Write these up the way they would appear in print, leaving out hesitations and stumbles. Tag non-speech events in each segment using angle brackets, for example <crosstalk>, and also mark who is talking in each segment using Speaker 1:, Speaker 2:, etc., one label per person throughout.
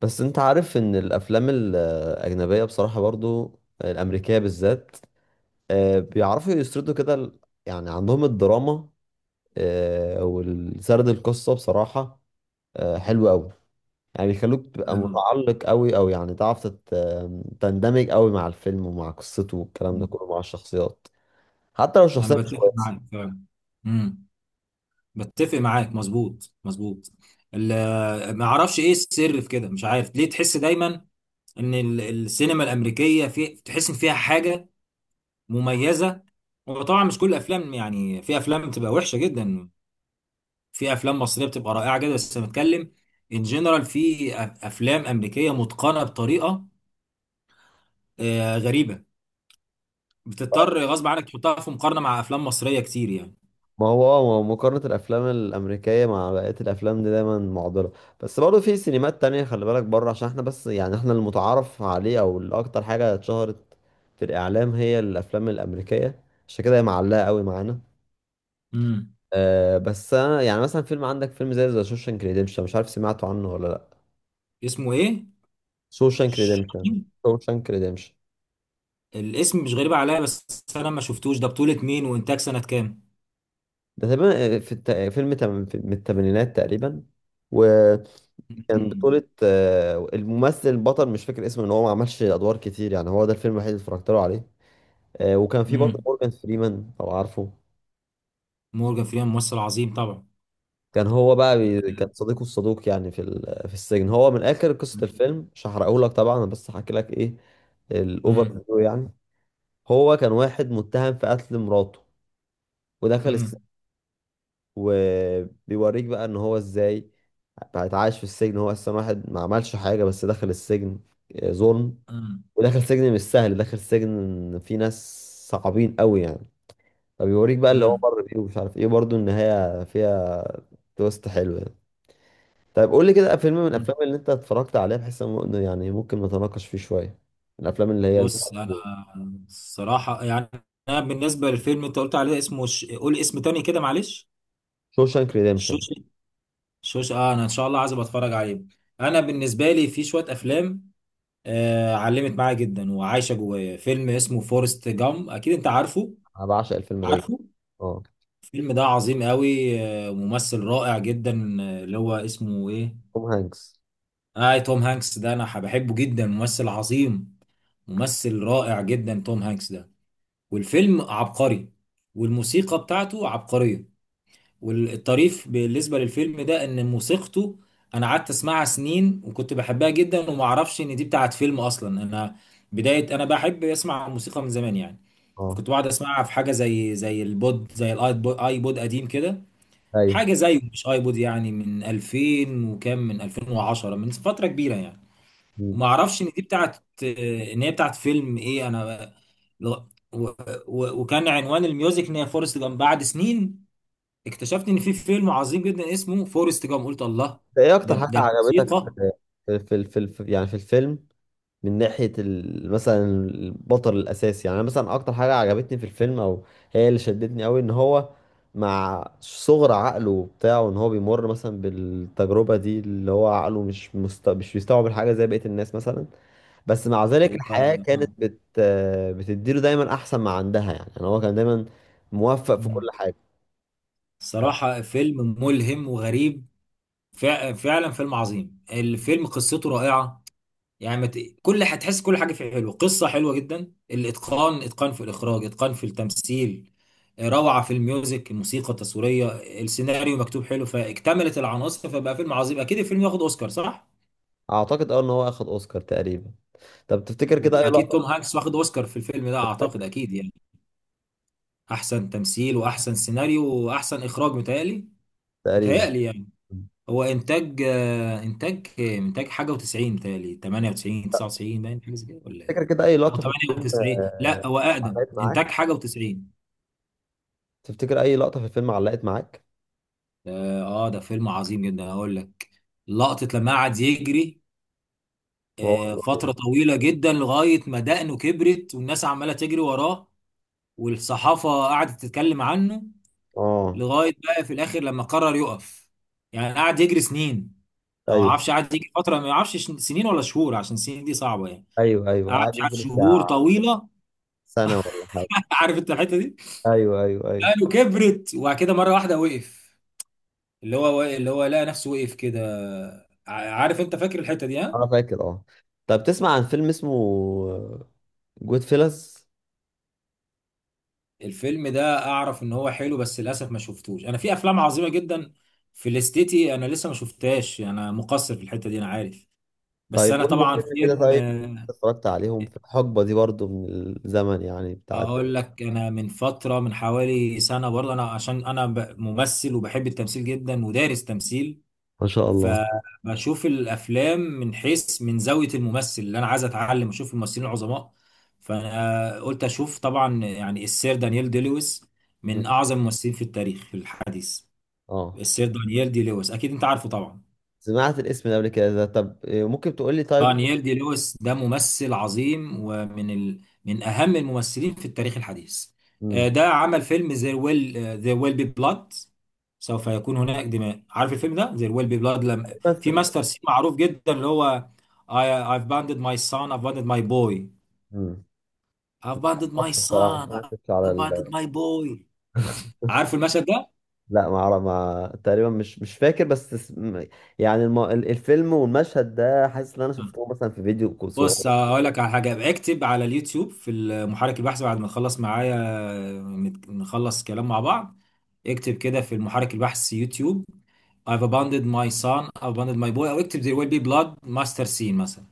Speaker 1: بس انت عارف ان الافلام الاجنبيه بصراحه برضو الامريكيه بالذات، آه، بيعرفوا يسردوا كده يعني عندهم الدراما، آه، والسرد القصه بصراحه، آه، حلو قوي. يعني بيخلوك تبقى
Speaker 2: أنا.
Speaker 1: متعلق قوي او يعني تعرف تندمج قوي مع الفيلم ومع قصته والكلام ده
Speaker 2: مم.
Speaker 1: كله مع الشخصيات، حتى لو
Speaker 2: أنا
Speaker 1: الشخصيه مش
Speaker 2: بتفق
Speaker 1: كويسه.
Speaker 2: معاك فعلا. مم. بتفق معاك، مظبوط مظبوط. ما أعرفش إيه السر في كده، مش عارف ليه تحس دايما إن السينما الأمريكية، في تحس إن فيها حاجة مميزة. وطبعا مش كل الأفلام، يعني في أفلام بتبقى وحشة جدا، في أفلام مصرية بتبقى رائعة جدا، بس أنا بتكلم إن جنرال في أفلام أمريكية متقنة بطريقة غريبة. بتضطر غصب عنك تحطها في مقارنة مع أفلام مصرية كتير يعني.
Speaker 1: ما هو مقارنة الأفلام الأمريكية مع بقية الأفلام دي دايما معضلة. بس برضه في سينمات تانية، خلي بالك بره، عشان احنا بس يعني احنا المتعارف عليه أو الأكتر حاجة اتشهرت في الإعلام هي الأفلام الأمريكية، عشان كده هي معلقة قوي معانا.
Speaker 2: مم.
Speaker 1: أه بس أنا يعني مثلا فيلم، عندك فيلم زي ذا شوشانك ريديمشن، مش عارف سمعته عنه ولا لأ؟
Speaker 2: اسمه إيه؟
Speaker 1: شوشانك ريديمشن. شوشانك ريديمشن.
Speaker 2: الاسم مش غريب عليا، بس انا ما شفتوش، ده بطولة مين وانتاج سنة كام؟
Speaker 1: ده تقريبا في الت- فيلم تم- في- من الثمانينات تقريبا، و كان بطولة
Speaker 2: <laughs>
Speaker 1: الممثل البطل مش فاكر اسمه، ان هو ما عملش ادوار كتير، يعني هو ده الفيلم الوحيد اللي اتفرجت له عليه. وكان في برضه
Speaker 2: امم.
Speaker 1: مورجان فريمان لو عارفه.
Speaker 2: مورجان فريمان ممثل عظيم طبعا.
Speaker 1: كان هو بقى كان صديقه الصدوق يعني في السجن. هو من اخر قصة الفيلم مش هحرقهولك طبعا، انا بس هحكي لك ايه الاوفر
Speaker 2: امم،
Speaker 1: فيو يعني. هو كان واحد متهم في قتل مراته ودخل السجن.
Speaker 2: امم،
Speaker 1: وبيوريك بقى ان هو ازاي بقى اتعايش في السجن، هو اصلا واحد ما عملش حاجة بس دخل السجن، آه، ظلم.
Speaker 2: امم،
Speaker 1: وداخل سجن مش سهل، داخل سجن فيه ناس صعبين قوي يعني. فبيوريك بقى اللي هو
Speaker 2: امم.
Speaker 1: مر بيه، ومش عارف ايه برضه النهاية فيها تويست حلو يعني. طيب قول لي كده فيلم من الافلام اللي انت اتفرجت عليها، بحيث إنه يعني ممكن نتناقش فيه شوية، الافلام اللي هي.
Speaker 2: بص انا، الصراحة يعني، انا بالنسبة للفيلم انت قلت عليه اسمه قول اسم تاني كده معلش.
Speaker 1: شوشانك ريديمشن.
Speaker 2: شوش، شوش، اه، انا ان شاء الله عايز أبقى اتفرج عليه. انا بالنسبة لي في شوية افلام علمت معايا جدا وعايشة جوايا، فيلم اسمه فورست جام، اكيد انت عارفه،
Speaker 1: <laughs> انا بعشق الفيلم ده جدا.
Speaker 2: عارفه.
Speaker 1: اه،
Speaker 2: الفيلم ده عظيم قوي، ممثل رائع جدا، اللي هو اسمه ايه؟
Speaker 1: توم هانكس.
Speaker 2: اه، توم هانكس ده انا بحبه جدا، ممثل عظيم، ممثل رائع جدا توم هانكس ده. والفيلم عبقري، والموسيقى بتاعته عبقرية. والطريف بالنسبة للفيلم ده ان موسيقته انا قعدت اسمعها سنين وكنت بحبها جدا، وما اعرفش ان دي بتاعت فيلم اصلا. انا بداية انا بحب اسمع الموسيقى من زمان يعني،
Speaker 1: اه.
Speaker 2: كنت بقعد اسمعها في حاجة زي البود، زي الايبود، ايبود قديم كده،
Speaker 1: ايوه.
Speaker 2: حاجه زيه مش ايبود، يعني من 2000 وكام، من 2010، من فتره كبيره يعني.
Speaker 1: مم.
Speaker 2: وما اعرفش ان دي بتاعت، ان هي بتاعت فيلم ايه. انا لغ- و... وكان عنوان الميوزك ان هي فورست جام. بعد سنين اكتشفت ان في فيلم عظيم جدا اسمه فورست جام، قلت الله.
Speaker 1: ده ايه
Speaker 2: ده
Speaker 1: اكتر حاجة
Speaker 2: ده
Speaker 1: عجبتك
Speaker 2: الموسيقى.
Speaker 1: في يعني في الفيلم، من ناحية مثلا البطل الأساسي؟ يعني أنا مثلا أكتر حاجة عجبتني في الفيلم، أو هي اللي شدتني أوي، إن هو مع صغر عقله بتاعه، إن هو بيمر مثلا بالتجربة دي اللي هو عقله مش بيستوعب الحاجة زي بقية الناس مثلا، بس مع ذلك الحياة
Speaker 2: و...
Speaker 1: كانت بتديله دايما أحسن ما عندها. يعني يعني هو كان دايما موفق في كل
Speaker 2: مم.
Speaker 1: حاجة.
Speaker 2: الصراحه فيلم ملهم وغريب، فعلا فيلم عظيم. الفيلم قصته رائعه، يعني كل، هتحس كل حاجه فيه حلوه، قصه حلوه جدا، الاتقان، اتقان في الاخراج، اتقان في التمثيل، روعه في الميوزك، الموسيقى التصويريه، السيناريو مكتوب حلو، فاكتملت العناصر، فبقى فيلم عظيم. اكيد الفيلم واخد اوسكار، صح؟
Speaker 1: أعتقد أه إن هو أخد أوسكار تقريبا. طب تفتكر كده أي
Speaker 2: واكيد توم
Speaker 1: لقطة؟
Speaker 2: هانكس واخد اوسكار في الفيلم ده، اعتقد اكيد يعني، احسن تمثيل واحسن سيناريو واحسن اخراج متهيألي.
Speaker 1: تقريبا.
Speaker 2: متهيألي يعني، هو انتاج، انتاج، انتاج حاجه و90، متهيألي 98 99، باين حاجه زي كده ولا ايه؟
Speaker 1: تفتكر كده أي
Speaker 2: او
Speaker 1: لقطة في الفيلم
Speaker 2: 98،
Speaker 1: آه،
Speaker 2: لا هو اقدم،
Speaker 1: علقت
Speaker 2: انتاج
Speaker 1: معاك؟
Speaker 2: حاجه و90.
Speaker 1: تفتكر اي لقطه في الفيلم علقت معاك؟
Speaker 2: اه. ده فيلم عظيم جدا هقول لك. لقطه لما قعد يجري
Speaker 1: وهو صغير؟
Speaker 2: فتره طويله جدا، لغايه ما دقنه كبرت والناس عماله تجري وراه، والصحافه قعدت تتكلم عنه،
Speaker 1: اه.
Speaker 2: لغايه بقى في الاخر لما قرر يقف. يعني قعد يجري سنين، او ما
Speaker 1: ايوه
Speaker 2: اعرفش، قعد يجري فتره، ما اعرفش سنين ولا شهور، عشان السنين دي صعبه يعني.
Speaker 1: ايوه ايوه.
Speaker 2: قعد،
Speaker 1: قعد
Speaker 2: مش عارف،
Speaker 1: يجري
Speaker 2: شهور
Speaker 1: بتاع
Speaker 2: طويله.
Speaker 1: سنه ولا حاجه.
Speaker 2: <laughs> عارف انت الحته دي؟
Speaker 1: ايوه ايوه ايوه.
Speaker 2: قالوا كبرت، وبعد كده مره واحده وقف، اللي هو لقى نفسه وقف كده. عارف انت، فاكر الحته دي؟ ها.
Speaker 1: انا فاكر اه. طب تسمع عن فيلم اسمه جود فيلز؟
Speaker 2: الفيلم ده اعرف ان هو حلو، بس للاسف ما شفتوش. انا في افلام عظيمه جدا في الاستيتي انا لسه ما شفتهاش، انا مقصر في الحته دي، انا عارف. بس
Speaker 1: طيب
Speaker 2: انا
Speaker 1: قول لي
Speaker 2: طبعا
Speaker 1: فيلم كده،
Speaker 2: فيلم،
Speaker 1: طيب أنت اتفرجت عليهم في الحقبه دي برضو من الزمن يعني بتاعت.
Speaker 2: اقول لك، انا من فتره، من حوالي سنه برضه، انا عشان انا ممثل وبحب التمثيل جدا ودارس تمثيل،
Speaker 1: ما شاء الله.
Speaker 2: فبشوف الافلام من حيث، من زاويه الممثل اللي انا عايز اتعلم، اشوف الممثلين العظماء. فانا قلت اشوف طبعا يعني السير دانيال دي لويس،
Speaker 1: مم.
Speaker 2: من اعظم الممثلين في التاريخ في الحديث.
Speaker 1: اه،
Speaker 2: السير دانيال دي لويس اكيد انت عارفه طبعا.
Speaker 1: سمعت الاسم ده قبل كده. ده طب إيه، ممكن تقول لي طيب.
Speaker 2: نيل دي لويس ده ممثل عظيم، ومن من اهم الممثلين في التاريخ الحديث.
Speaker 1: مم.
Speaker 2: ده عمل فيلم There Will، There Will Be Blood، سوف يكون هناك دماء، عارف الفيلم ده، There Will Be Blood؟ لم...
Speaker 1: بس.
Speaker 2: في ماستر سين معروف جدا، اللي هو I I've abandoned my son, I've abandoned my boy.
Speaker 1: مم.
Speaker 2: I've abandoned my
Speaker 1: معرفش الصراحه، ما
Speaker 2: son, I've
Speaker 1: سمعتش على.
Speaker 2: abandoned my boy. عارف المشهد ده؟
Speaker 1: لا، ما اعرف، ما تقريبا مش فاكر، بس يعني الفيلم والمشهد ده حاسس ان انا شفته مثلا في فيديو صغير.
Speaker 2: بص هقول لك على حاجه، اكتب على اليوتيوب، في المحرك البحث، بعد ما تخلص معايا نخلص كلام مع بعض. اكتب كده في المحرك البحث يوتيوب I've abandoned my son, I've abandoned my boy، او اكتب there will be blood master scene مثلا.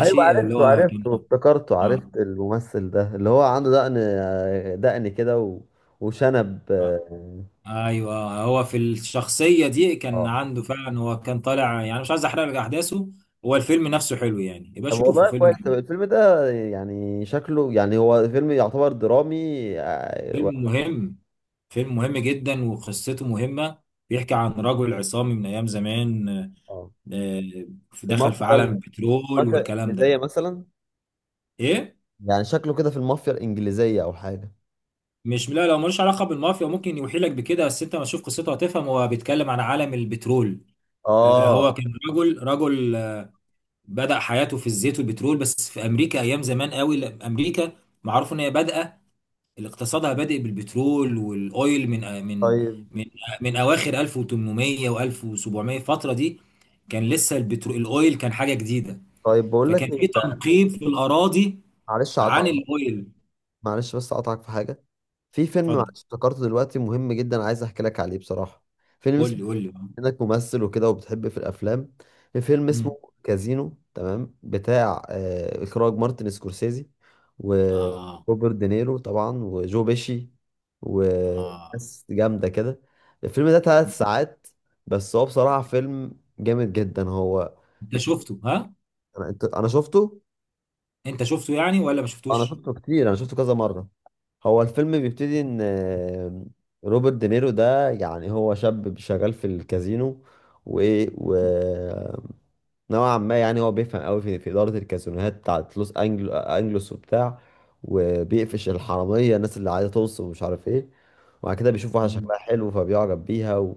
Speaker 1: ايوه،
Speaker 2: اللي
Speaker 1: عرفته
Speaker 2: هو كان.
Speaker 1: عرفته، افتكرته،
Speaker 2: اه.
Speaker 1: عرفت الممثل ده اللي هو عنده دقن، دقن كده وشنب،
Speaker 2: آه.
Speaker 1: اه.
Speaker 2: ايوه، هو في الشخصيه دي كان
Speaker 1: آه.
Speaker 2: عنده فعلا. هو كان طالع يعني، مش عايز احرق لك احداثه، هو الفيلم نفسه حلو، يعني يبقى
Speaker 1: طب
Speaker 2: شوفه،
Speaker 1: والله
Speaker 2: فيلم
Speaker 1: كويس، طب
Speaker 2: جميل.
Speaker 1: الفيلم ده يعني شكله، يعني هو فيلم يعتبر درامي آه،
Speaker 2: فيلم مهم، فيلم مهم جدا وقصته مهمة. بيحكي عن رجل عصامي من أيام زمان.
Speaker 1: آه.
Speaker 2: آه، دخل
Speaker 1: المافيا.
Speaker 2: في عالم البترول
Speaker 1: المافيا
Speaker 2: والكلام
Speaker 1: الانجليزيه
Speaker 2: ده.
Speaker 1: مثلا؟
Speaker 2: إيه؟
Speaker 1: يعني شكله كده في المافيا الانجليزيه او حاجه.
Speaker 2: مش، لا، لو ملوش علاقة بالمافيا، ممكن يوحيلك بكده بس أنت ما تشوف قصته هتفهم، هو بيتكلم عن عالم البترول. هو
Speaker 1: اه.
Speaker 2: كان رجل، رجل، بدأ حياته في الزيت والبترول، بس في أمريكا أيام زمان قوي، لأ، أمريكا معروف إن هي بادئة، اللي اقتصادها بادئ بالبترول والاويل من
Speaker 1: طيب.
Speaker 2: من اواخر 1800 و1700، الفتره دي كان لسه البترول الاويل كان حاجه جديده،
Speaker 1: طيب بقول لك
Speaker 2: فكان
Speaker 1: إيه،
Speaker 2: في تنقيب في الاراضي
Speaker 1: معلش
Speaker 2: عن
Speaker 1: اقطعك،
Speaker 2: الاويل.
Speaker 1: معلش بس اقطعك في حاجه. في فيلم معلش
Speaker 2: اتفضل.
Speaker 1: افتكرته دلوقتي مهم جدا، عايز احكي لك عليه بصراحه. فيلم
Speaker 2: قول
Speaker 1: اسمه،
Speaker 2: لي، قول لي.
Speaker 1: انك ممثل وكده وبتحب في الافلام، في فيلم اسمه
Speaker 2: مم.
Speaker 1: كازينو، تمام؟ بتاع آه اخراج مارتن سكورسيزي،
Speaker 2: اه.
Speaker 1: وروبرت دينيرو طبعا، وجو بيشي،
Speaker 2: اه.
Speaker 1: وناس جامده كده. الفيلم ده 3 ساعات، بس هو بصراحه فيلم جامد جدا. هو
Speaker 2: انت شفته، ها؟
Speaker 1: انا أنا شفته.
Speaker 2: انت شفته يعني ولا ما
Speaker 1: انا
Speaker 2: شفتوش؟
Speaker 1: شفته كتير، انا شفته كذا مره. هو الفيلم بيبتدي ان، آه، روبرت دينيرو ده، يعني هو شاب شغال في الكازينو و... و... نوعا ما، يعني هو بيفهم قوي في إدارة الكازينوهات بتاعت لوس أنجل أنجلوس وبتاع، وبيقفش الحرامية الناس اللي عايزة توصل ومش عارف إيه. وبعد كده بيشوف واحدة شكلها حلو فبيعجب بيها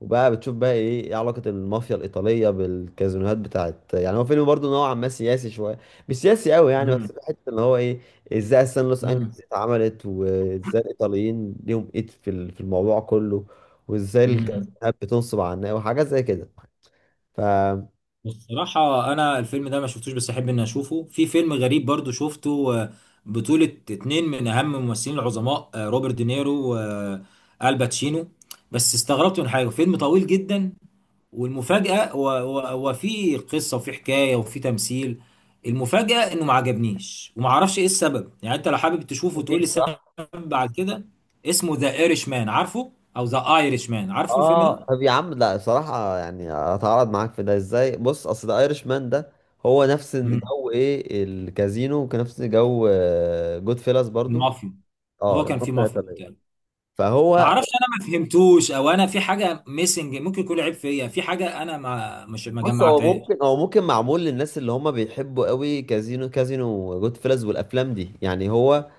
Speaker 1: وبقى بتشوف بقى إيه إيه علاقة المافيا الإيطالية بالكازينوهات بتاعت. يعني هو فيلم برضه نوعا ما سياسي شوية، مش سياسي قوي يعني،
Speaker 2: امم.
Speaker 1: بس في حتة إن هو إيه، إزاي أصلا لوس أنجلوس دي اتعملت، وإزاي الإيطاليين ليهم إيد في في الموضوع كله، وإزاي
Speaker 2: امم.
Speaker 1: الكازينوهات بتنصب على الناس وحاجات زي كده. ف،
Speaker 2: بصراحة أنا الفيلم ده ما شفتوش، بس أحب إني أشوفه. في فيلم غريب برضو شفته، بطولة اتنين من أهم الممثلين العظماء، روبرت دينيرو والباتشينو. بس استغربت من حاجة، فيلم طويل جدا والمفاجأة، وفي قصة وفي حكاية وفي تمثيل. المفاجأة إنه ما عجبنيش، وما أعرفش إيه السبب، يعني أنت لو حابب تشوفه وتقول لي السبب على كده. اسمه ذا ايرش مان، عارفه؟ أو ذا ايرش مان، عارفه الفيلم ده؟
Speaker 1: اه. طب يا عم، لا صراحة يعني اتعرض معاك في ده ازاي؟ بص، اصل ده ايرش مان ده هو نفس
Speaker 2: مم.
Speaker 1: جو ايه الكازينو، وكان نفس جو جود فيلاس برضو.
Speaker 2: المافيا.
Speaker 1: اه،
Speaker 2: هو كان في
Speaker 1: الحرب
Speaker 2: مافيا
Speaker 1: الإيطالية.
Speaker 2: وبتاع. ما
Speaker 1: فهو،
Speaker 2: اعرفش، انا ما فهمتوش، او انا في حاجه ميسنج، ممكن يكون عيب فيا في حاجه، انا ما مش ما
Speaker 1: بص هو
Speaker 2: جمعتهاش.
Speaker 1: ممكن، هو ممكن معمول للناس اللي هم بيحبوا قوي كازينو وجود فيلاس والافلام دي، يعني هو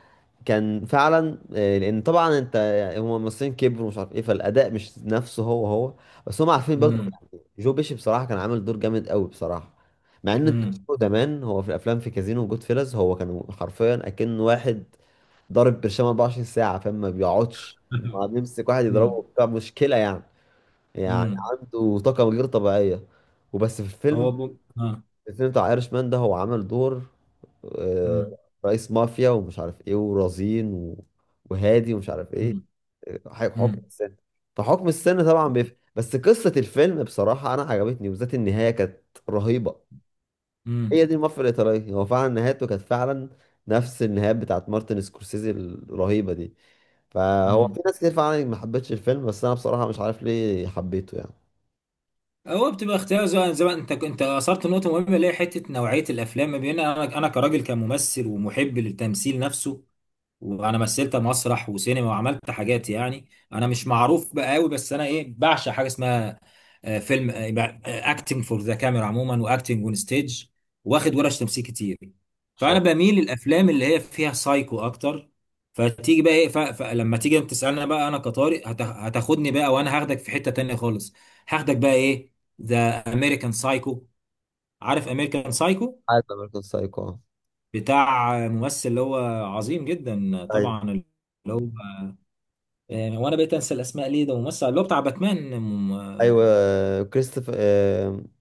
Speaker 1: كان فعلا، آه، لان طبعا انت يعني هم الممثلين كبروا ومش عارف ايه، فالاداء مش نفسه. هو هو بس هم عارفين برضو.
Speaker 2: امم،
Speaker 1: جو بيشي بصراحة كان عامل دور جامد قوي بصراحة، مع ان انت
Speaker 2: امم،
Speaker 1: بتشوفه زمان هو في الافلام، في كازينو وجود فيلز، هو كان حرفيا اكن واحد ضارب برشام 24 ساعة، فاهم؟ ما بيقعدش، ما بيمسك واحد يضربه
Speaker 2: امم،
Speaker 1: بتاع مشكلة يعني، يعني
Speaker 2: امم.
Speaker 1: عنده طاقة غير طبيعية. وبس في الفيلم،
Speaker 2: اه.
Speaker 1: الفيلم بتاع ايرش مان ده، هو عمل دور آه،
Speaker 2: امم،
Speaker 1: رئيس مافيا ومش عارف ايه، ورزين وهادي ومش عارف
Speaker 2: امم،
Speaker 1: ايه، آه،
Speaker 2: امم،
Speaker 1: حكم السن. فحكم السن طبعا بيفرق، بس قصة الفيلم بصراحة انا عجبتني، وبالذات النهاية كانت رهيبة.
Speaker 2: امم.
Speaker 1: هي دي المافيا الايطالية، هو فعلا نهايته كانت فعلا نفس النهايات بتاعت مارتن سكورسيزي الرهيبة دي. فهو
Speaker 2: أمم.
Speaker 1: في ناس كتير فعلا ما حبتش الفيلم، بس انا بصراحة مش عارف ليه حبيته. يعني ان
Speaker 2: هو بتبقى اختيار، زي ما انت اثرت نقطه مهمه، اللي هي حته نوعيه الافلام، ما بين انا كراجل كممثل ومحب للتمثيل نفسه. وانا مثلت مسرح وسينما وعملت حاجات يعني، انا مش معروف بقى قوي، بس انا ايه، بعشق حاجه اسمها فيلم، اكتنج فور ذا كاميرا عموما، واكتنج اون ستيج، واخد ورش تمثيل كتير.
Speaker 1: شاء
Speaker 2: فانا
Speaker 1: الله.
Speaker 2: بميل للافلام اللي هي فيها سايكو اكتر. فتيجي بقى ايه، فلما تيجي انت تسالنا بقى انا كطارق، هتاخدني بقى وانا هاخدك في حته تانية خالص. هاخدك بقى ايه؟ ذا امريكان سايكو. عارف امريكان سايكو؟
Speaker 1: عارف امريكان سايكو.
Speaker 2: بتاع ممثل اللي هو عظيم جدا
Speaker 1: ايوه،
Speaker 2: طبعا، اللي هو وانا بقيت انسى الاسماء ليه، ده ممثل اللي هو بتاع باتمان.
Speaker 1: ايوه
Speaker 2: م-
Speaker 1: كريستوفر.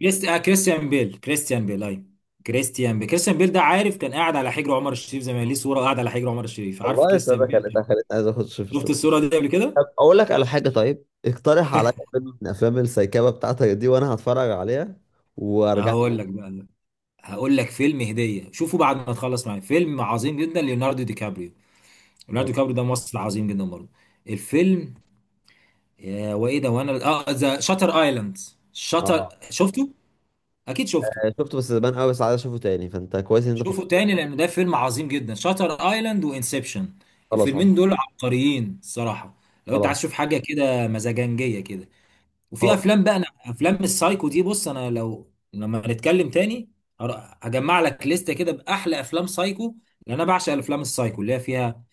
Speaker 2: كريستيان بيل، كريستيان بيل، ايوه كريستيان بيل، كريستيان بيل ده، عارف كان قاعد على حجر عمر الشريف زمان، ليه صوره قاعد على حجر عمر الشريف. عارف
Speaker 1: والله السعودية
Speaker 2: كريستيان بيل ده؟
Speaker 1: خلتها، خلتني عايز اخد شيف
Speaker 2: شفت
Speaker 1: الصراحة.
Speaker 2: الصوره دي قبل كده؟
Speaker 1: طب اقول لك على حاجة، طيب اقترح عليا فيلم من افلام السيكابة بتاعتك دي وانا هتفرج عليها وارجع
Speaker 2: هقول لك
Speaker 1: لك.
Speaker 2: بقى، هقول لك فيلم هديه، شوفوا بعد ما تخلص معايا، فيلم عظيم جدا ليوناردو دي كابريو. ليوناردو دي كابريو ده ممثل عظيم جدا برضه. الفيلم، وايه ده وانا، اه، ذا شاتر ايلاند. شاتر،
Speaker 1: اه.
Speaker 2: شفته؟ اكيد شفته.
Speaker 1: يعني شفته بس زمان قوي، بس عايز اشوفه تاني، فانت كويس ان انت
Speaker 2: شوفوا
Speaker 1: فكرت.
Speaker 2: تاني، لان ده فيلم عظيم جدا، شاتر ايلاند وانسبشن.
Speaker 1: خلاص.
Speaker 2: الفيلمين
Speaker 1: آه،
Speaker 2: دول عبقريين الصراحه، لو انت عايز
Speaker 1: خلاص.
Speaker 2: تشوف حاجه كده مزاجنجيه كده. وفي
Speaker 1: خلاص.
Speaker 2: افلام بقى، انا افلام السايكو دي، بص انا لو، لما نتكلم تاني هجمع لك لستة كده باحلى افلام سايكو. لان انا بعشق الافلام السايكو اللي هي فيها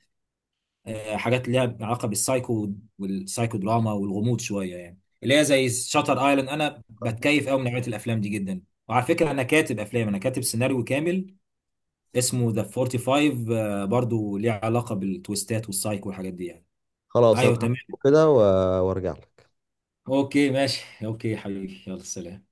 Speaker 2: حاجات ليها علاقه بالسايكو والسايكو دراما والغموض شويه، يعني اللي هي زي شاتر ايلاند. انا بتكيف قوي من نوعيه الافلام دي جدا. وعلى فكره انا كاتب افلام، انا كاتب سيناريو كامل اسمه ذا 45، برضو ليه علاقة بالتويستات والسايك والحاجات دي يعني.
Speaker 1: خلاص
Speaker 2: ايوه
Speaker 1: انا
Speaker 2: تمام.
Speaker 1: هشوفه كده وارجع لك.
Speaker 2: اوكي ماشي، اوكي حبيبي، يلا سلام.